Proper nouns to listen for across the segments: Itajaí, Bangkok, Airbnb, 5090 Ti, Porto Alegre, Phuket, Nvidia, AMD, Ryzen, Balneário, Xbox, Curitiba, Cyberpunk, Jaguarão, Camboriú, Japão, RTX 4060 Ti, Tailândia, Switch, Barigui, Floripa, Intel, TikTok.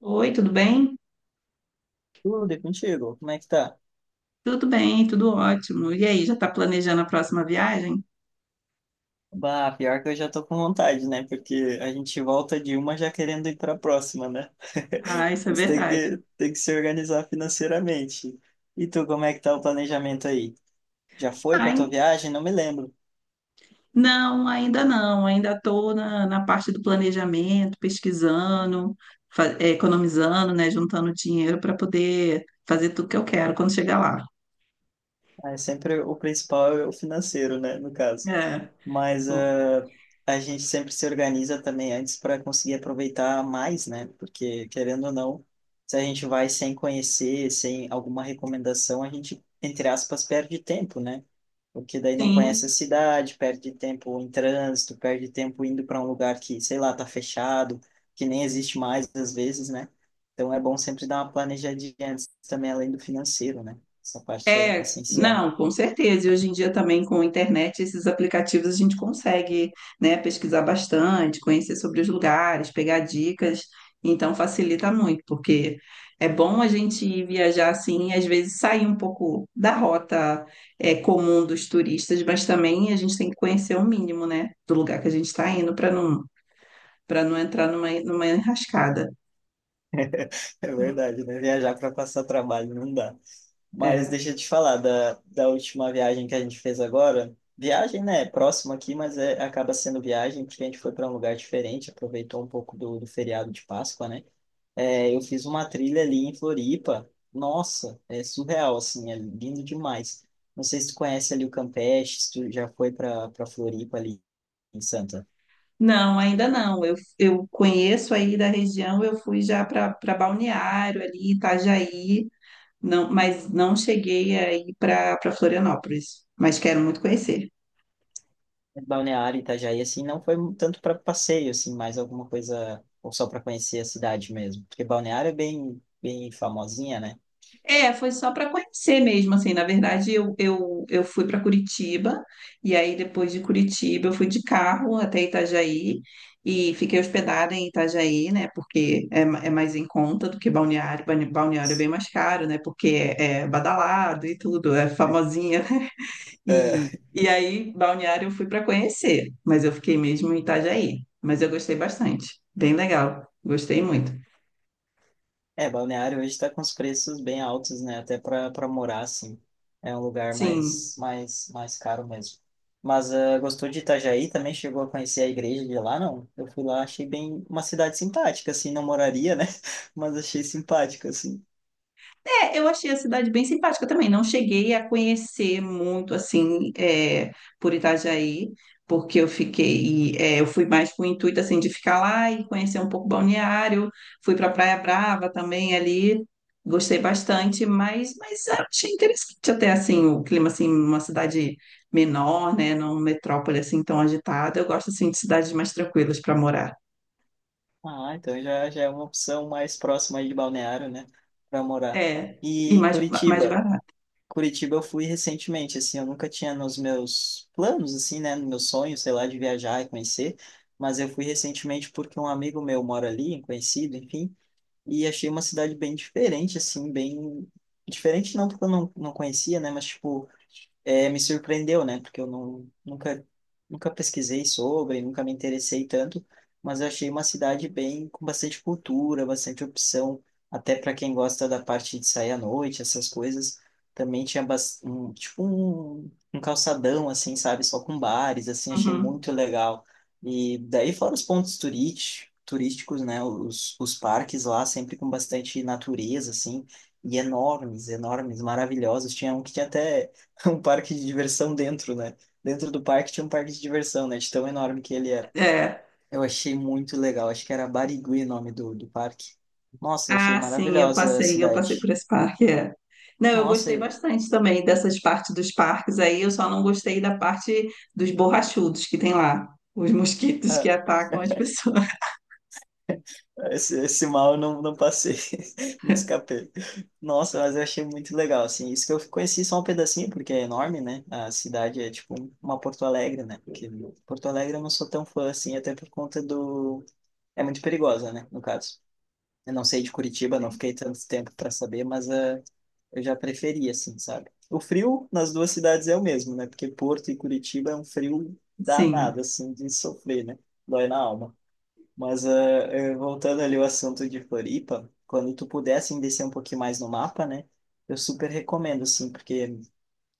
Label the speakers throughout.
Speaker 1: Oi, tudo bem?
Speaker 2: Tudo é contigo? Como é que tá?
Speaker 1: Tudo bem, tudo ótimo. E aí, já está planejando a próxima viagem?
Speaker 2: Bah, pior que eu já tô com vontade, né? Porque a gente volta de uma já querendo ir pra próxima, né?
Speaker 1: Ah, isso é
Speaker 2: Mas tem
Speaker 1: verdade.
Speaker 2: que, tem que se organizar financeiramente. E tu, como é que tá o planejamento aí? Já foi pra tua
Speaker 1: Ai,
Speaker 2: viagem? Não me lembro.
Speaker 1: não, ainda não. Ainda estou na parte do planejamento, pesquisando, economizando, né, juntando dinheiro para poder fazer tudo que eu quero quando chegar lá.
Speaker 2: Ah, é sempre o principal é o financeiro, né? No caso.
Speaker 1: É.
Speaker 2: Mas
Speaker 1: Bom.
Speaker 2: a gente sempre se organiza também antes para conseguir aproveitar mais, né? Porque, querendo ou não, se a gente vai sem conhecer, sem alguma recomendação, a gente, entre aspas, perde tempo, né? Porque daí não conhece a
Speaker 1: Sim.
Speaker 2: cidade, perde tempo em trânsito, perde tempo indo para um lugar que, sei lá, tá fechado, que nem existe mais às vezes, né? Então é bom sempre dar uma planejadinha antes também, além do financeiro, né? Essa parte é
Speaker 1: É,
Speaker 2: essencial.
Speaker 1: não, com certeza. E hoje em dia também com a internet, esses aplicativos a gente consegue, né, pesquisar bastante, conhecer sobre os lugares, pegar dicas. Então facilita muito, porque é bom a gente ir viajar assim, e às vezes sair um pouco da rota, é, comum dos turistas, mas também a gente tem que conhecer o mínimo, né, do lugar que a gente está indo para não entrar numa enrascada.
Speaker 2: É verdade, né? Viajar para passar trabalho não dá. Mas
Speaker 1: É.
Speaker 2: deixa eu te falar da última viagem que a gente fez agora. Viagem, né? É próximo aqui, mas é, acaba sendo viagem porque a gente foi para um lugar diferente, aproveitou um pouco do feriado de Páscoa, né? É, eu fiz uma trilha ali em Floripa. Nossa, é surreal, assim, é lindo demais. Não sei se tu conhece ali o Campeche, se tu já foi para Floripa ali em Santa.
Speaker 1: Não, ainda não. Eu conheço aí da região, eu fui já para Balneário ali, Itajaí, não, mas não cheguei aí para Florianópolis, mas quero muito conhecer.
Speaker 2: Balneário, Itajaí, assim, não foi tanto para passeio, assim, mais alguma coisa, ou só para conhecer a cidade mesmo. Porque Balneário é bem, bem famosinha, né?
Speaker 1: É, foi só para conhecer mesmo, assim, na verdade eu fui para Curitiba, e aí depois de Curitiba eu fui de carro até Itajaí, e fiquei hospedada em Itajaí, né, porque é, é mais em conta do que Balneário. Balneário é bem mais caro, né, porque é, é badalado e tudo, é famosinha.
Speaker 2: É, é,
Speaker 1: E aí, Balneário eu fui para conhecer, mas eu fiquei mesmo em Itajaí. Mas eu gostei bastante, bem legal, gostei muito.
Speaker 2: é, Balneário hoje está com os preços bem altos, né? Até para morar, assim. É um lugar
Speaker 1: Sim.
Speaker 2: mais caro mesmo. Mas ah, gostou de Itajaí? Também chegou a conhecer a igreja de lá, não? Eu fui lá, achei bem uma cidade simpática, assim, não moraria, né? Mas achei simpática, assim.
Speaker 1: É, eu achei a cidade bem simpática também. Não cheguei a conhecer muito assim é, por Itajaí, porque eu fiquei, é, eu fui mais com o intuito assim de ficar lá e conhecer um pouco Balneário. Fui para Praia Brava também ali, gostei bastante, mas achei interessante até assim o clima assim, uma cidade menor, né, não metrópole assim tão agitada. Eu gosto assim de cidades mais tranquilas para morar.
Speaker 2: Ah, então já já é uma opção mais próxima aí de Balneário, né? Para morar.
Speaker 1: É, e
Speaker 2: E
Speaker 1: mais mais
Speaker 2: Curitiba?
Speaker 1: barato.
Speaker 2: Curitiba eu fui recentemente, assim, eu nunca tinha nos meus planos, assim, né, no meu sonho, sei lá, de viajar e conhecer, mas eu fui recentemente porque um amigo meu mora ali, um conhecido, enfim, e achei uma cidade bem diferente, assim, bem. Diferente não porque eu não conhecia, né, mas, tipo, é, me surpreendeu, né? Porque eu não, nunca pesquisei sobre, nunca me interessei tanto, mas eu achei uma cidade bem com bastante cultura, bastante opção, até para quem gosta da parte de sair à noite, essas coisas. Também tinha um, tipo um calçadão, assim, sabe? Só com bares, assim, achei
Speaker 1: Uhum.
Speaker 2: muito legal. E daí fora os pontos turísticos, né? Os parques lá, sempre com bastante natureza, assim, e enormes, enormes, maravilhosos. Tinha um que tinha até um parque de diversão dentro, né? Dentro do parque tinha um parque de diversão, né? De tão enorme que ele era.
Speaker 1: É.
Speaker 2: Eu achei muito legal. Acho que era Barigui o nome do parque. Nossa, eu achei
Speaker 1: Ah, sim,
Speaker 2: maravilhosa a
Speaker 1: eu passei por
Speaker 2: cidade.
Speaker 1: esse parque, é. Não, eu
Speaker 2: Nossa,
Speaker 1: gostei
Speaker 2: eu.
Speaker 1: bastante também dessas partes dos parques aí, eu só não gostei da parte dos borrachudos que tem lá, os mosquitos que
Speaker 2: Ah,
Speaker 1: atacam as pessoas.
Speaker 2: esse mal eu não passei. Me escapei. Nossa, mas eu achei muito legal, assim. Isso que eu conheci só um pedacinho, porque é enorme, né? A cidade é tipo uma Porto Alegre, né? Porque Porto Alegre eu não sou tão fã, assim, até por conta do. É muito perigosa, né? No caso. Eu não sei de Curitiba, não fiquei tanto tempo para saber, mas eu já preferia, assim, sabe? O frio nas duas cidades é o mesmo, né? Porque Porto e Curitiba é um frio
Speaker 1: Sim,
Speaker 2: danado, assim, de sofrer, né? Dói na alma. Mas voltando ali ao assunto de Floripa, quando tu puder, assim, descer um pouquinho mais no mapa, né? Eu super recomendo, assim, porque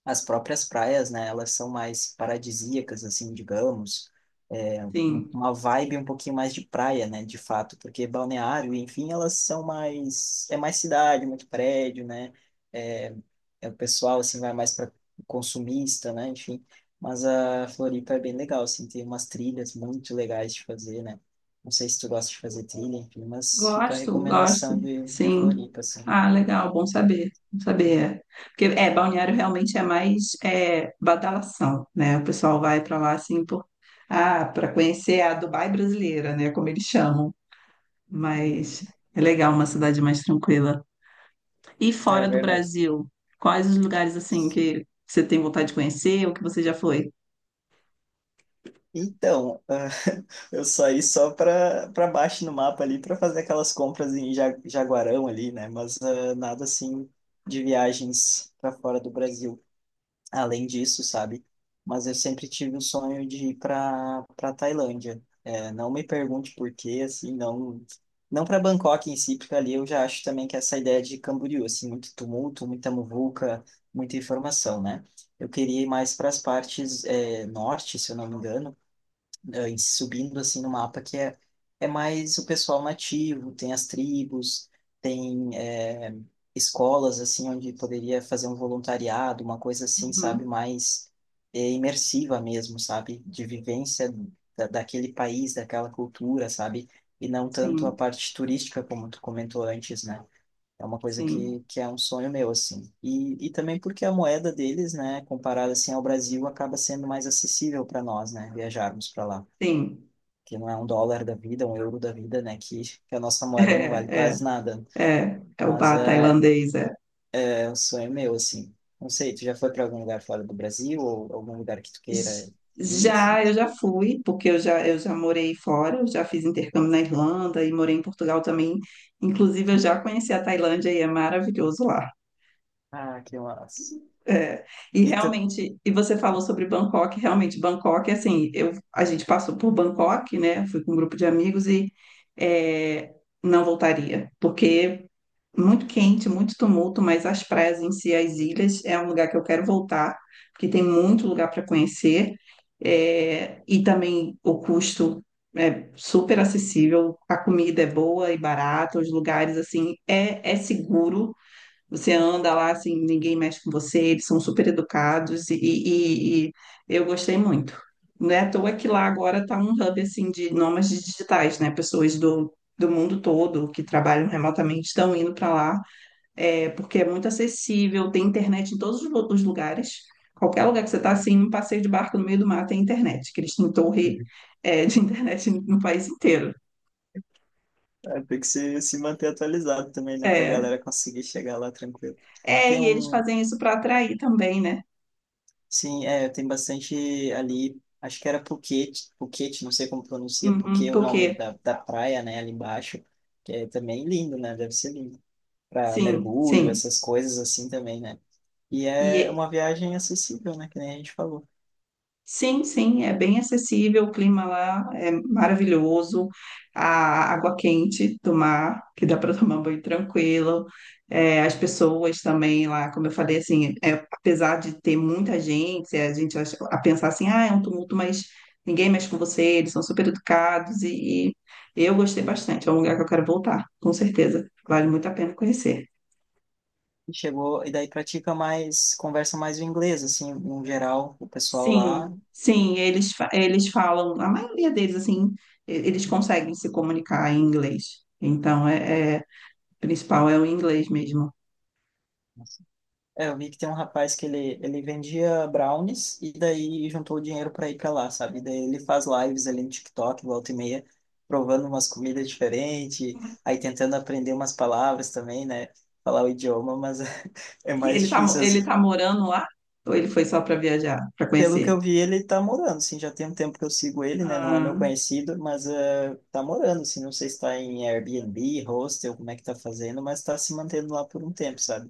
Speaker 2: as próprias praias, né, elas são mais paradisíacas, assim, digamos, é,
Speaker 1: sim.
Speaker 2: uma vibe um pouquinho mais de praia, né, de fato, porque balneário, enfim, elas são mais, é mais cidade, muito prédio, né, é, é o pessoal, assim, vai mais para consumista, né, enfim, mas a Floripa é bem legal, assim, tem umas trilhas muito legais de fazer, né, não sei se tu gosta de fazer trilha, enfim, mas fica a
Speaker 1: Gosto, gosto,
Speaker 2: recomendação de
Speaker 1: sim.
Speaker 2: Floripa, assim.
Speaker 1: Ah, legal, bom saber, bom saber. É. Porque, é, balneário realmente é mais é, badalação, né? O pessoal vai para lá, assim, por... ah, para conhecer a Dubai brasileira, né? Como eles chamam. Mas
Speaker 2: Uhum.
Speaker 1: é legal uma cidade mais tranquila. E
Speaker 2: É
Speaker 1: fora do
Speaker 2: verdade.
Speaker 1: Brasil, quais os lugares assim que você tem vontade de conhecer ou que você já foi?
Speaker 2: Então, ah, eu saí só para baixo no mapa ali para fazer aquelas compras em Jaguarão ali, né? Mas ah, nada assim de viagens para fora do Brasil. Além disso, sabe? Mas eu sempre tive o sonho de ir para Tailândia. É, não me pergunte por quê, assim, não para Bangkok em si, porque ali eu já acho também que essa ideia de Camboriú, assim, muito tumulto, muita muvuca, muita informação, né? Eu queria ir mais para as partes norte, se eu não me engano e subindo assim no mapa que é mais o pessoal nativo, tem as tribos, tem escolas assim onde poderia fazer um voluntariado, uma coisa assim, sabe,
Speaker 1: Uhum.
Speaker 2: mais imersiva mesmo, sabe, de vivência daquele país, daquela cultura, sabe, e não tanto a
Speaker 1: Sim,
Speaker 2: parte turística como tu comentou antes, né? É uma coisa
Speaker 1: sim,
Speaker 2: que é um sonho meu, assim. E também porque a moeda deles, né, comparada assim ao Brasil, acaba sendo mais acessível para nós, né, viajarmos para lá
Speaker 1: sim.
Speaker 2: que não é um dólar da vida, um euro da vida, né? Que a nossa moeda não vale
Speaker 1: É, é,
Speaker 2: quase nada.
Speaker 1: é, é o
Speaker 2: Mas
Speaker 1: bar
Speaker 2: é,
Speaker 1: tailandês. É.
Speaker 2: é um sonho meu, assim. Não sei, tu já foi para algum lugar fora do Brasil ou algum lugar que tu
Speaker 1: J-
Speaker 2: queira ir, assim?
Speaker 1: Já, eu já fui, porque eu já morei fora, eu já fiz intercâmbio na Irlanda e morei em Portugal também. Inclusive, eu já conheci a Tailândia e é maravilhoso lá.
Speaker 2: Ah, que massa.
Speaker 1: É, e
Speaker 2: E tu
Speaker 1: realmente, e você falou sobre Bangkok, realmente, Bangkok, assim, eu, a gente passou por Bangkok, né? Fui com um grupo de amigos e é, não voltaria, porque muito quente, muito tumulto, mas as praias em si, as ilhas, é um lugar que eu quero voltar, porque tem muito lugar para conhecer, é, e também o custo é super acessível, a comida é boa e barata, os lugares, assim, é, é seguro, você anda lá assim, ninguém mexe com você, eles são super educados e eu gostei muito. Não é à toa que lá agora tá um hub assim de nômades digitais, né? Pessoas do mundo todo que trabalham remotamente estão indo para lá, é, porque é muito acessível, tem internet em todos os lugares. Qualquer lugar que você está assim, um passeio de barco no meio do mar tem internet, que eles têm torre, é, de internet no país inteiro.
Speaker 2: é, tem que se manter atualizado também, né? Pra
Speaker 1: É,
Speaker 2: galera conseguir chegar lá tranquilo. Tem
Speaker 1: e eles
Speaker 2: um,
Speaker 1: fazem isso para atrair também, né?
Speaker 2: sim, é, tem bastante ali, acho que era Phuket, Phuket, não sei como pronuncia,
Speaker 1: Uhum,
Speaker 2: porque o nome
Speaker 1: porque
Speaker 2: da praia, né, ali embaixo, que é também lindo, né? Deve ser lindo. Para
Speaker 1: sim,
Speaker 2: mergulho,
Speaker 1: sim.
Speaker 2: essas coisas assim também, né? E
Speaker 1: E é-
Speaker 2: é uma viagem acessível, né? Que nem a gente falou.
Speaker 1: sim, sim, é bem acessível, o clima lá é maravilhoso, a água quente do mar, que dá para tomar banho tranquilo. É, as pessoas também lá, como eu falei, assim, é, apesar de ter muita gente, a gente acha- a pensar assim, ah, é um tumulto, mas ninguém mexe com você, eles são super educados e eu gostei bastante. É um lugar que eu quero voltar, com certeza. Vale muito a pena conhecer.
Speaker 2: E chegou, e daí pratica mais, conversa mais o inglês, assim, no geral, o pessoal lá.
Speaker 1: Sim, sim, eles, eles falam, a maioria deles, assim, eles conseguem se comunicar em inglês. Então, o principal é o inglês mesmo.
Speaker 2: É, eu vi que tem um rapaz que ele vendia brownies e daí juntou o dinheiro para ir para lá, sabe? E daí ele faz lives ali no TikTok, volta e meia, provando umas comidas diferentes, aí tentando aprender umas palavras também, né? Falar o idioma, mas é
Speaker 1: E
Speaker 2: mais
Speaker 1: ele tá,
Speaker 2: difícil.
Speaker 1: ele tá morando lá? Ou ele foi só para viajar, para
Speaker 2: Pelo que
Speaker 1: conhecer?
Speaker 2: eu vi, ele tá morando, assim, já tem um tempo que eu sigo ele, né? Não é meu
Speaker 1: Ah,
Speaker 2: conhecido, mas tá morando, assim, não sei se tá em Airbnb, hostel, como é que tá fazendo, mas tá se mantendo lá por um tempo, sabe?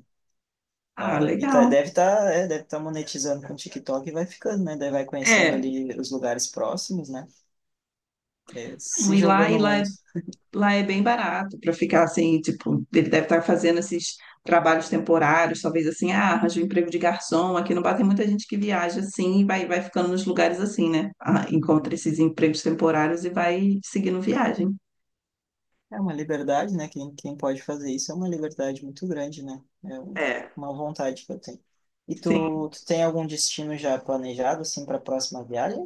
Speaker 1: ah,
Speaker 2: Ah, e tá,
Speaker 1: legal.
Speaker 2: deve tá monetizando com o TikTok e vai ficando, né? Daí vai conhecendo
Speaker 1: É,
Speaker 2: ali os lugares próximos, né? Que é, se
Speaker 1: e
Speaker 2: jogou
Speaker 1: lá, e
Speaker 2: no
Speaker 1: lá
Speaker 2: mundo.
Speaker 1: Lá é bem barato para ficar assim, tipo, ele deve estar fazendo esses trabalhos temporários, talvez assim, ah, arranja um emprego de garçom. Aqui no Bar tem muita gente que viaja assim e vai, vai ficando nos lugares assim, né? Ah, encontra
Speaker 2: Uhum.
Speaker 1: esses empregos temporários e vai seguindo viagem.
Speaker 2: É uma liberdade, né? Quem pode fazer isso é uma liberdade muito grande, né? É
Speaker 1: É.
Speaker 2: uma vontade que eu tenho. E
Speaker 1: Sim.
Speaker 2: tu tem algum destino já planejado, assim, para a próxima viagem?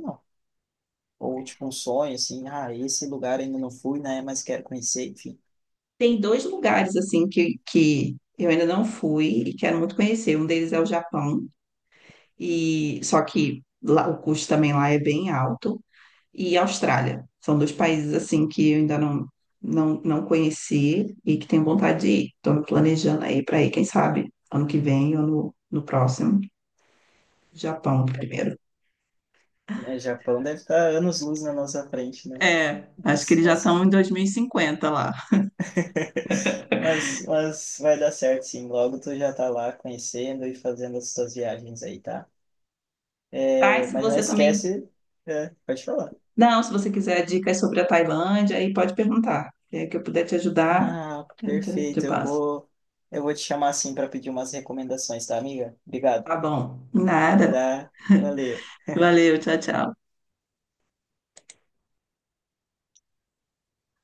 Speaker 2: Ou tipo um sonho, assim, ah, esse lugar ainda não fui, né? Mas quero conhecer, enfim.
Speaker 1: Tem dois lugares assim que eu ainda não fui e quero muito conhecer. Um deles é o Japão, e só que lá, o custo também lá é bem alto. E Austrália. São dois países assim que eu ainda não, não conheci e que tenho vontade de ir. Estou me planejando aí para ir, quem sabe, ano que vem ou no próximo, Japão primeiro.
Speaker 2: Né, Japão deve estar anos-luz na nossa frente, né?
Speaker 1: É, acho que
Speaker 2: Mas,
Speaker 1: eles já
Speaker 2: mas,
Speaker 1: estão em 2050 lá.
Speaker 2: mas vai dar certo, sim. Logo tu já tá lá conhecendo e fazendo as tuas viagens aí, tá?
Speaker 1: Tá, e
Speaker 2: É,
Speaker 1: se
Speaker 2: mas não
Speaker 1: você também.
Speaker 2: esquece, é, pode falar.
Speaker 1: Não, se você quiser dicas sobre a Tailândia, aí pode perguntar. Se é que eu puder te ajudar,
Speaker 2: Ah,
Speaker 1: te
Speaker 2: perfeito. Eu
Speaker 1: passo.
Speaker 2: vou, eu vou te chamar assim para pedir umas recomendações, tá, amiga? Obrigado.
Speaker 1: Tá bom. Nada.
Speaker 2: Tá? Valeu.
Speaker 1: Valeu, tchau, tchau.